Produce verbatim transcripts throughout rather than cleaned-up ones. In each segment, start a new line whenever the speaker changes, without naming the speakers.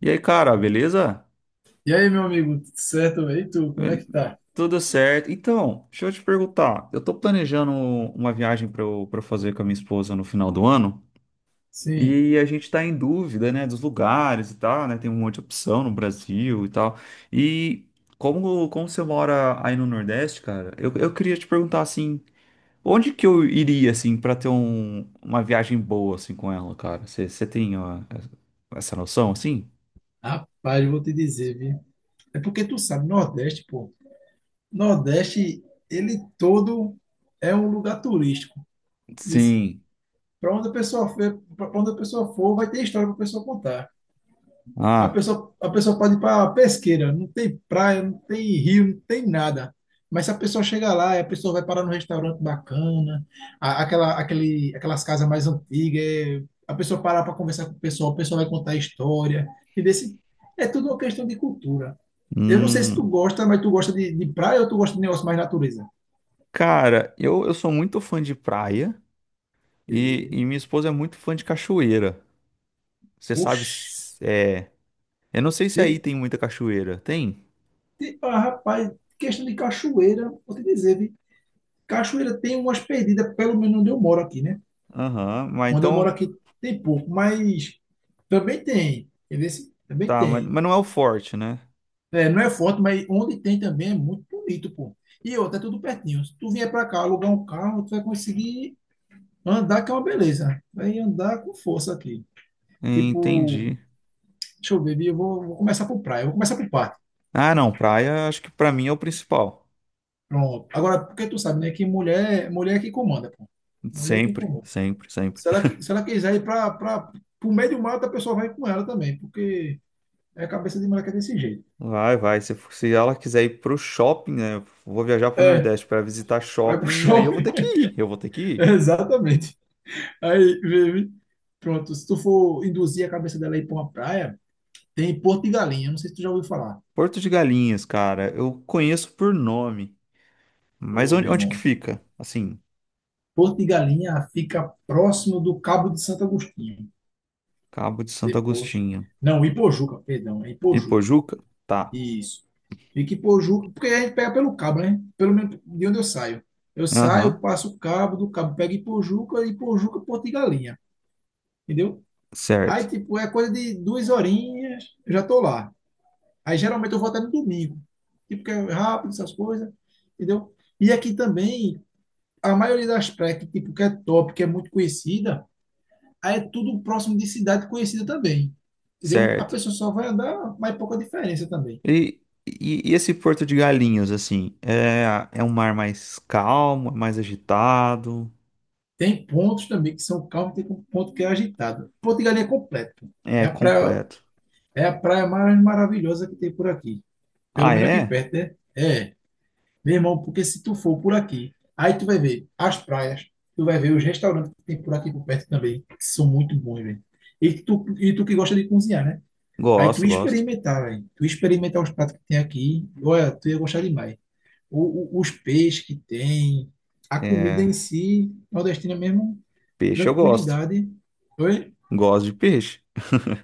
E aí, cara, beleza?
E aí, meu amigo, tudo certo? Velho? E tu, como é
Bel-
que tá?
Tudo certo. Então, deixa eu te perguntar. Eu tô planejando uma viagem para eu, para fazer com a minha esposa no final do ano. E
Sim,
a gente tá em dúvida, né, dos lugares e tal, né? Tem um monte de opção no Brasil e tal. E como, como você mora aí no Nordeste, cara, eu, eu queria te perguntar assim, onde que eu iria assim para ter um- uma viagem boa assim com ela, cara? Você você tem ó, essa noção assim?
rapaz, eu vou te dizer, viu? É porque tu sabe, Nordeste, pô. Nordeste, ele todo é um lugar turístico.
Sim.
Para onde a pessoa for, para onde a pessoa for, vai ter história para a pessoa contar. A
Ah.
pessoa, a pessoa pode ir para Pesqueira, não tem praia, não tem rio, não tem nada. Mas se a pessoa chegar lá, a pessoa vai parar num restaurante bacana, a- aquela, aquele, aquelas casas mais antigas, é, a pessoa parar para conversar com o pessoal, o pessoal vai contar história. E desse, É tudo uma questão de cultura. Eu não sei se tu
Hum.
gosta, mas tu gosta de, de praia ou tu gosta de negócio mais natureza?
Cara, eu, eu sou muito fã de praia e,
E,
e minha esposa é muito fã de cachoeira. Você sabe,
Oxi,
se- é, eu não sei se aí
e-
tem muita cachoeira. Tem?
e- ah, rapaz, questão de cachoeira, vou te dizer, vi. Cachoeira tem umas perdidas, pelo menos onde eu moro aqui, né?
Aham, mas
Onde eu moro
então,
aqui tem pouco, mas também tem. Entendeu? Também
tá, mas,
tem.
mas não é o forte, né?
É, não é forte, mas onde tem também é muito bonito, pô. E outra, é tudo pertinho. Se tu vier pra cá alugar um carro, tu vai conseguir andar, que é uma beleza. Vai andar com força aqui. Tipo,
Entendi.
deixa eu ver, Bia, eu vou, vou começar por praia, eu vou começar por parque.
Ah, não, praia acho que pra mim é o principal.
Pronto. Agora, porque tu sabe, né, que mulher, mulher é que comanda, pô. Mulher é que
Sempre,
comanda.
sempre, sempre.
Se ela, qui- se ela quiser ir para pro meio do mato, a pessoa vai com ela também, porque é a cabeça de mulher que é desse jeito.
Vai, vai. Se, for- se ela quiser ir pro shopping, né? Vou viajar pro
É,
Nordeste pra visitar
Vai pro
shopping, aí
show.
eu vou ter que ir, eu vou ter que ir.
Exatamente. Aí, baby. Pronto, se tu for induzir a cabeça dela aí pra uma praia, tem Porto de Galinha. Não sei se tu já ouviu falar.
Porto de Galinhas, cara, eu conheço por nome. Mas
Ô,
onde,
meu
onde que
irmão.
fica? Assim,
Porto de Galinha fica próximo do Cabo de Santo Agostinho.
Cabo de Santo
Depois.
Agostinho.
Não, Ipojuca, perdão, é Ipojuca.
Ipojuca? Tá.
Isso. Fica em Ipojuca, porque a gente pega pelo cabo, né? Pelo menos de onde eu saio. Eu saio,
Aham.
passo o cabo, do cabo pego Ipojuca, Ipojuca, Porto de Galinha. Entendeu? Aí,
Certo.
tipo, é coisa de duas horinhas, eu já tô lá. Aí geralmente eu vou até no domingo, tipo, que é rápido, essas coisas, entendeu? E aqui também, a maioria das praias que, tipo, que é top, que é muito conhecida, aí é tudo próximo de cidade conhecida também, entendeu? A
Certo.
pessoa só vai andar, mas é pouca diferença também.
E, e, e esse Porto de Galinhos, assim, é, é um mar mais calmo, é mais agitado?
Tem pontos também que são calmos, tem um ponto que é agitado. Porto de Galinha é completo. É
É
a praia,
completo.
é a praia mais maravilhosa que tem por aqui. Pelo
Ah,
menos aqui
é?
perto, né? É. Meu irmão, porque se tu for por aqui, aí tu vai ver as praias, tu vai ver os restaurantes que tem por aqui por perto também, que são muito bons, velho. E tu, e tu que gosta de cozinhar, né? Aí tu
Gosto, gosto.
experimentar, velho. Tu experimentar os pratos que tem aqui, olha, tu ia gostar demais. O, o- os peixes que tem, a comida em
É,
si, nordestina mesmo,
peixe eu gosto.
tranquilidade. Oi?
Gosto de peixe?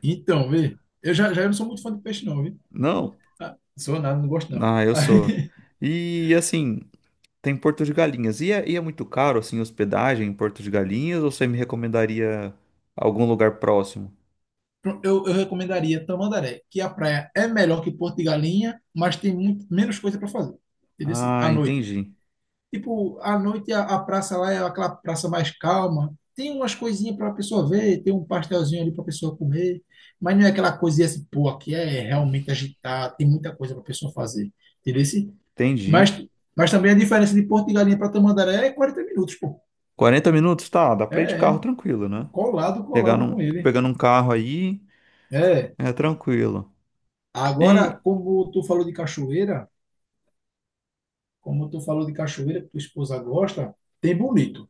Então, vê. Eu já, já não sou muito fã de peixe, não, viu?
Não.
Ah, sou nada, não gosto, não.
Ah, eu sou. E assim. Tem Porto de Galinhas. E é, e é muito caro, assim, hospedagem em Porto de Galinhas? Ou você me recomendaria algum lugar próximo?
Eu, eu recomendaria Tamandaré, que a praia é melhor que Porto de Galinha, mas tem muito menos coisa para fazer. Entendeu? Assim,
Ah,
À noite.
entendi.
Tipo, à noite a, a praça lá é aquela praça mais calma. Tem umas coisinhas para a pessoa ver, tem um pastelzinho ali para a pessoa comer, mas não é aquela coisinha assim, pô, aqui é realmente agitado, tem muita coisa para a pessoa fazer. Entendeu? Assim, Mas,
Entendi.
mas também a diferença de Porto de Galinha para Tamandaré é quarenta minutos, pô.
Quarenta minutos? Tá, dá
É,
pra ir de carro
é.
tranquilo, né?
Colado,
Pegar
colado
num,
com ele.
pegando um carro aí
É.
é tranquilo.
Agora,
E
como tu falou de cachoeira. Como tu falou de cachoeira, que tua esposa gosta, tem bonito.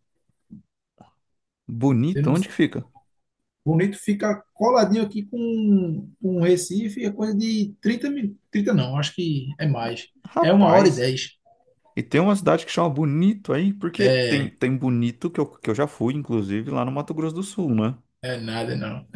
Tem
Bonito, onde que
no-
fica?
Bonito fica coladinho aqui com, com Recife, é coisa de trinta minutos. Trinta não, acho que é mais. É uma hora e
Rapaz.
dez.
E tem uma cidade que chama Bonito aí, porque tem,
É,
tem Bonito, que eu, que eu já fui, inclusive, lá no Mato Grosso do Sul, né?
é nada, não.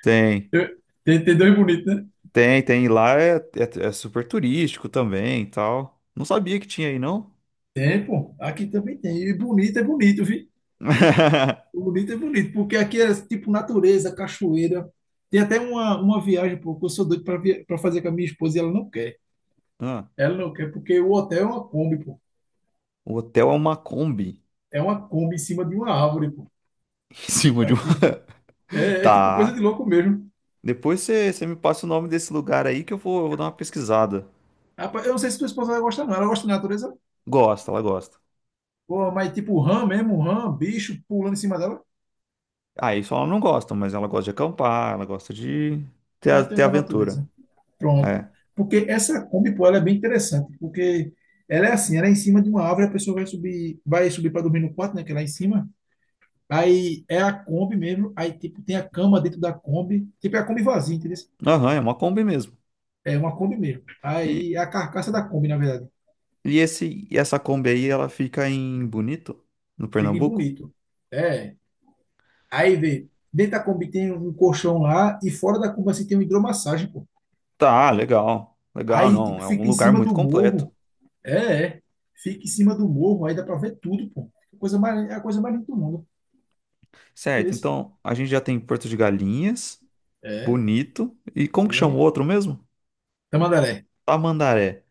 Tem.
Eu- Tem, tem dois bonitos, né?
Tem, tem. E lá é, é, é super turístico também e tal. Não sabia que tinha aí, não?
Tem, pô. Aqui também tem. E bonito é bonito, viu? Bonito é bonito, porque aqui é tipo natureza, cachoeira. Tem até uma, uma viagem, pô, que eu sou doido para fazer com a minha esposa e ela não quer.
Ah,
Ela não quer, porque o hotel é uma Kombi,
o hotel é uma Kombi
É uma Kombi em cima de uma árvore, pô.
em cima de um.
Aqui. É, é tipo coisa
Tá.
de louco mesmo.
Depois você você me passa o nome desse lugar aí que eu vou, eu vou dar uma pesquisada.
Rapaz, eu não sei se tua esposa vai gostar, não. Ela gosta de natureza?
Gosta, ela gosta.
Pô, mas tipo rã mesmo, rã, bicho pulando em cima dela.
Ah, isso ela não gosta, mas ela gosta de acampar, ela gosta de ter,
Ah,
a-
então é
ter
da
aventura.
natureza. Pronto.
É.
Porque essa Kombi, pô, ela é bem interessante. Porque ela é assim, ela é em cima de uma árvore, a pessoa vai subir, vai subir para dormir no quarto, né? Que é lá em cima. Aí é a Kombi mesmo. Aí, tipo, tem a cama dentro da Kombi. Tipo, é a Kombi vazia, entendeu?
Aham, é uma Kombi mesmo.
É uma Kombi mesmo.
E,
Aí é a carcaça da Kombi, na verdade.
e esse, e essa Kombi aí, ela fica em Bonito, no
Fica em
Pernambuco?
bonito. É, Aí, vê, dentro da Kombi tem um colchão lá e fora da Kombi assim tem uma hidromassagem, pô.
Tá, legal. Legal,
Aí,
não.
tipo,
É um
fica em
lugar
cima
muito
do
completo.
morro. É, é. Fica em cima do morro, aí dá pra ver tudo, pô. É A Coisa mais, é a coisa mais linda do mundo.
Certo,
Entendeu?
então a gente já tem Porto de Galinhas,
É,
Bonito, e como que chama o
sim.
outro mesmo?
Tamandaré.
Tamandaré.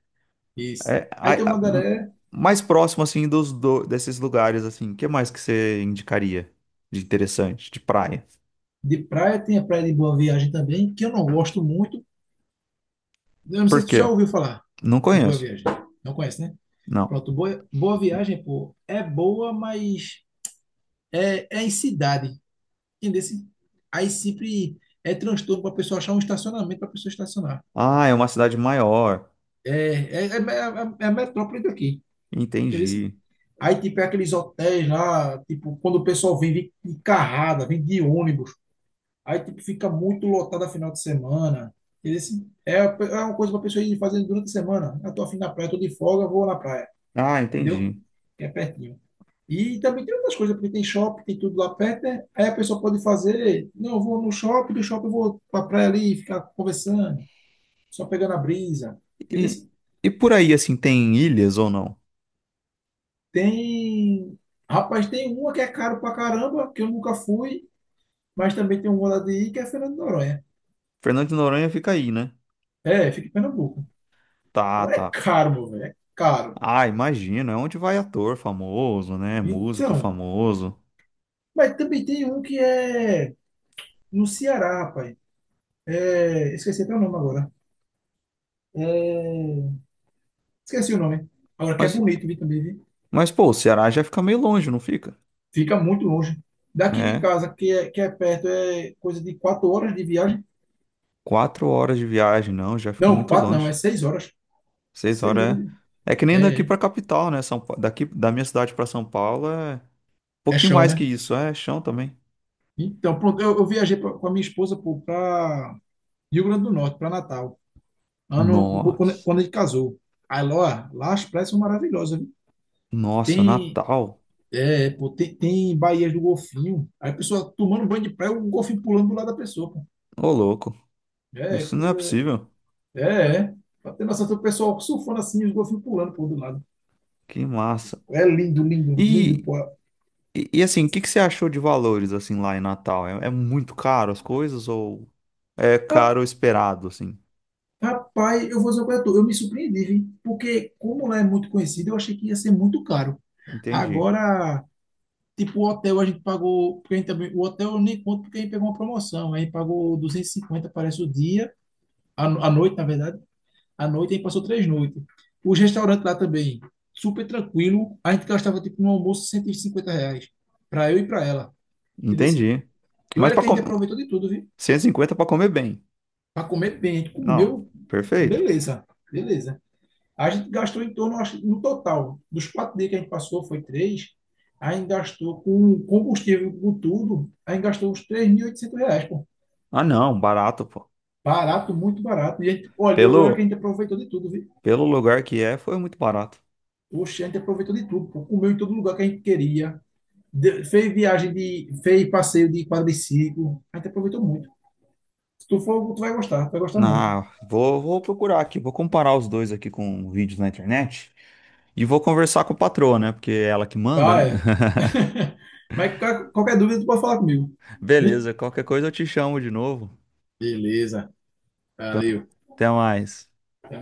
Isso.
É,
Aí tem o
a- a- m-
Mandaré.
mais próximo, assim, dos do- desses lugares, assim, o que mais que você indicaria de interessante, de praia?
De praia, tem a praia de Boa Viagem também, que eu não gosto muito. Eu não sei
Por
se tu já
quê?
ouviu falar
Não
de Boa
conheço,
Viagem. Não conhece, né?
não.
Pronto, Boa, Boa Viagem, pô, é boa, mas é, é em cidade. Entendeu? Aí sempre é transtorno para a pessoa achar um estacionamento para a pessoa estacionar.
Ah, é uma cidade maior,
É, é, é, é, é a metrópole daqui. Entendeu?
entendi.
Aí, tipo, é aqueles hotéis lá, tipo, quando o pessoal vem de de carrada, vem de ônibus, aí, tipo, fica muito lotado a final de semana. Entendeu? É, é uma coisa para a pessoa ir fazendo durante a semana. Eu tô afim da praia, tô de folga, vou na praia.
Ah,
Entendeu?
entendi.
Que é pertinho. E também tem outras coisas, porque tem shopping, tem tudo lá perto, né? Aí a pessoa pode fazer, não, eu vou no shopping, do shopping eu vou pra praia ali, ficar conversando, só pegando a brisa. Entendeu?
E, e por aí, assim, tem ilhas ou não?
Tem, rapaz, tem uma que é caro pra caramba, que eu nunca fui, mas também tem uma lá de ir, que é Fernando de Noronha.
Fernando de Noronha fica aí, né?
É, fica em Pernambuco.
Tá,
Agora é
tá.
caro, meu velho, é caro.
Ah, imagino, é onde vai ator famoso, né? Músico
Então,
famoso.
mas também tem um que é no Ceará, rapaz. É, esqueci até o nome agora. É, Esqueci o nome. Agora que é
Mas,
bonito, vi também, vi.
mas pô, o Ceará já fica meio longe, não fica?
Fica muito longe. Daqui de
Né?
casa, que é, que é perto, é coisa de quatro horas de viagem.
Quatro horas de viagem, não, já fica
Não,
muito
quatro não,
longe.
é seis horas.
Seis
Seis
horas
horas de...
é. É que nem
É,
daqui
é,
pra capital, né? São, Pa- daqui da minha cidade pra São Paulo é um
é
pouquinho
chão,
mais que
né?
isso, é chão também.
Então, pronto, eu, eu viajei pra- com a minha esposa para Rio Grande do Norte, para Natal, ano, no- quando,
Nossa,
quando a gente casou. Aí lá, lá as praias são maravilhosas, viu?
nossa,
Tem,
Natal.
é, pô, tem, tem baías do golfinho. Aí a pessoa tomando banho de praia, o golfinho pulando do lado da pessoa, pô.
Ô, louco,
É,
isso não é
coisa
possível.
É, é. Pra ter noção, tem o pessoal surfando assim, os golfinhos pulando por do lado.
Que massa.
É lindo, lindo, lindo,
E
pô.
E, e, assim, o que que você achou de valores assim lá em Natal? É, é muito caro as coisas ou é
Ra-
caro esperado assim?
Rapaz, eu vou dizer pra tu, eu me surpreendi, vi, porque como lá é muito conhecido, eu achei que ia ser muito caro.
Entendi.
Agora, tipo, o hotel a gente pagou, porque a gente também, o hotel eu nem conto porque a gente pegou uma promoção, a gente pagou duzentos e cinquenta, parece o dia, a, no- a noite, na verdade, a noite a gente passou três noites. Os restaurantes lá também, super tranquilo, a gente gastava tipo no almoço cento e cinquenta reais, pra eu e pra ela, entendeu?
Entendi.
E
Mas
olha
para
que a gente
comer
aproveitou de tudo, viu?
cento e cinquenta para comer bem.
Para comer bem, a gente
Não,
comeu,
perfeito.
beleza, beleza. A gente gastou em torno, acho, no total, dos quatro dias que a gente passou, foi três, a gente gastou com combustível, com tudo, a gente gastou uns três mil e oitocentos reais, pô.
Ah, não, barato, pô.
Barato, muito barato. E a gente, olha, eu e olha que a
Pelo
gente aproveitou de tudo, viu?
pelo lugar que é, foi muito barato.
Poxa, a gente aproveitou de tudo, pô. Comeu em todo lugar que a gente queria. De- fez viagem de, fez passeio de quadriciclo. A gente aproveitou muito. Se tu for, tu vai gostar, tu vai gostar muito.
Ah, vou vou procurar aqui, vou comparar os dois aqui com vídeos na internet e vou conversar com a patroa, né? Porque é ela que manda, né?
Tá, é. Mas qual- qualquer dúvida, tu pode falar comigo. Vi?
Beleza, qualquer coisa eu te chamo de novo.
Beleza.
Então,
Valeu.
até mais.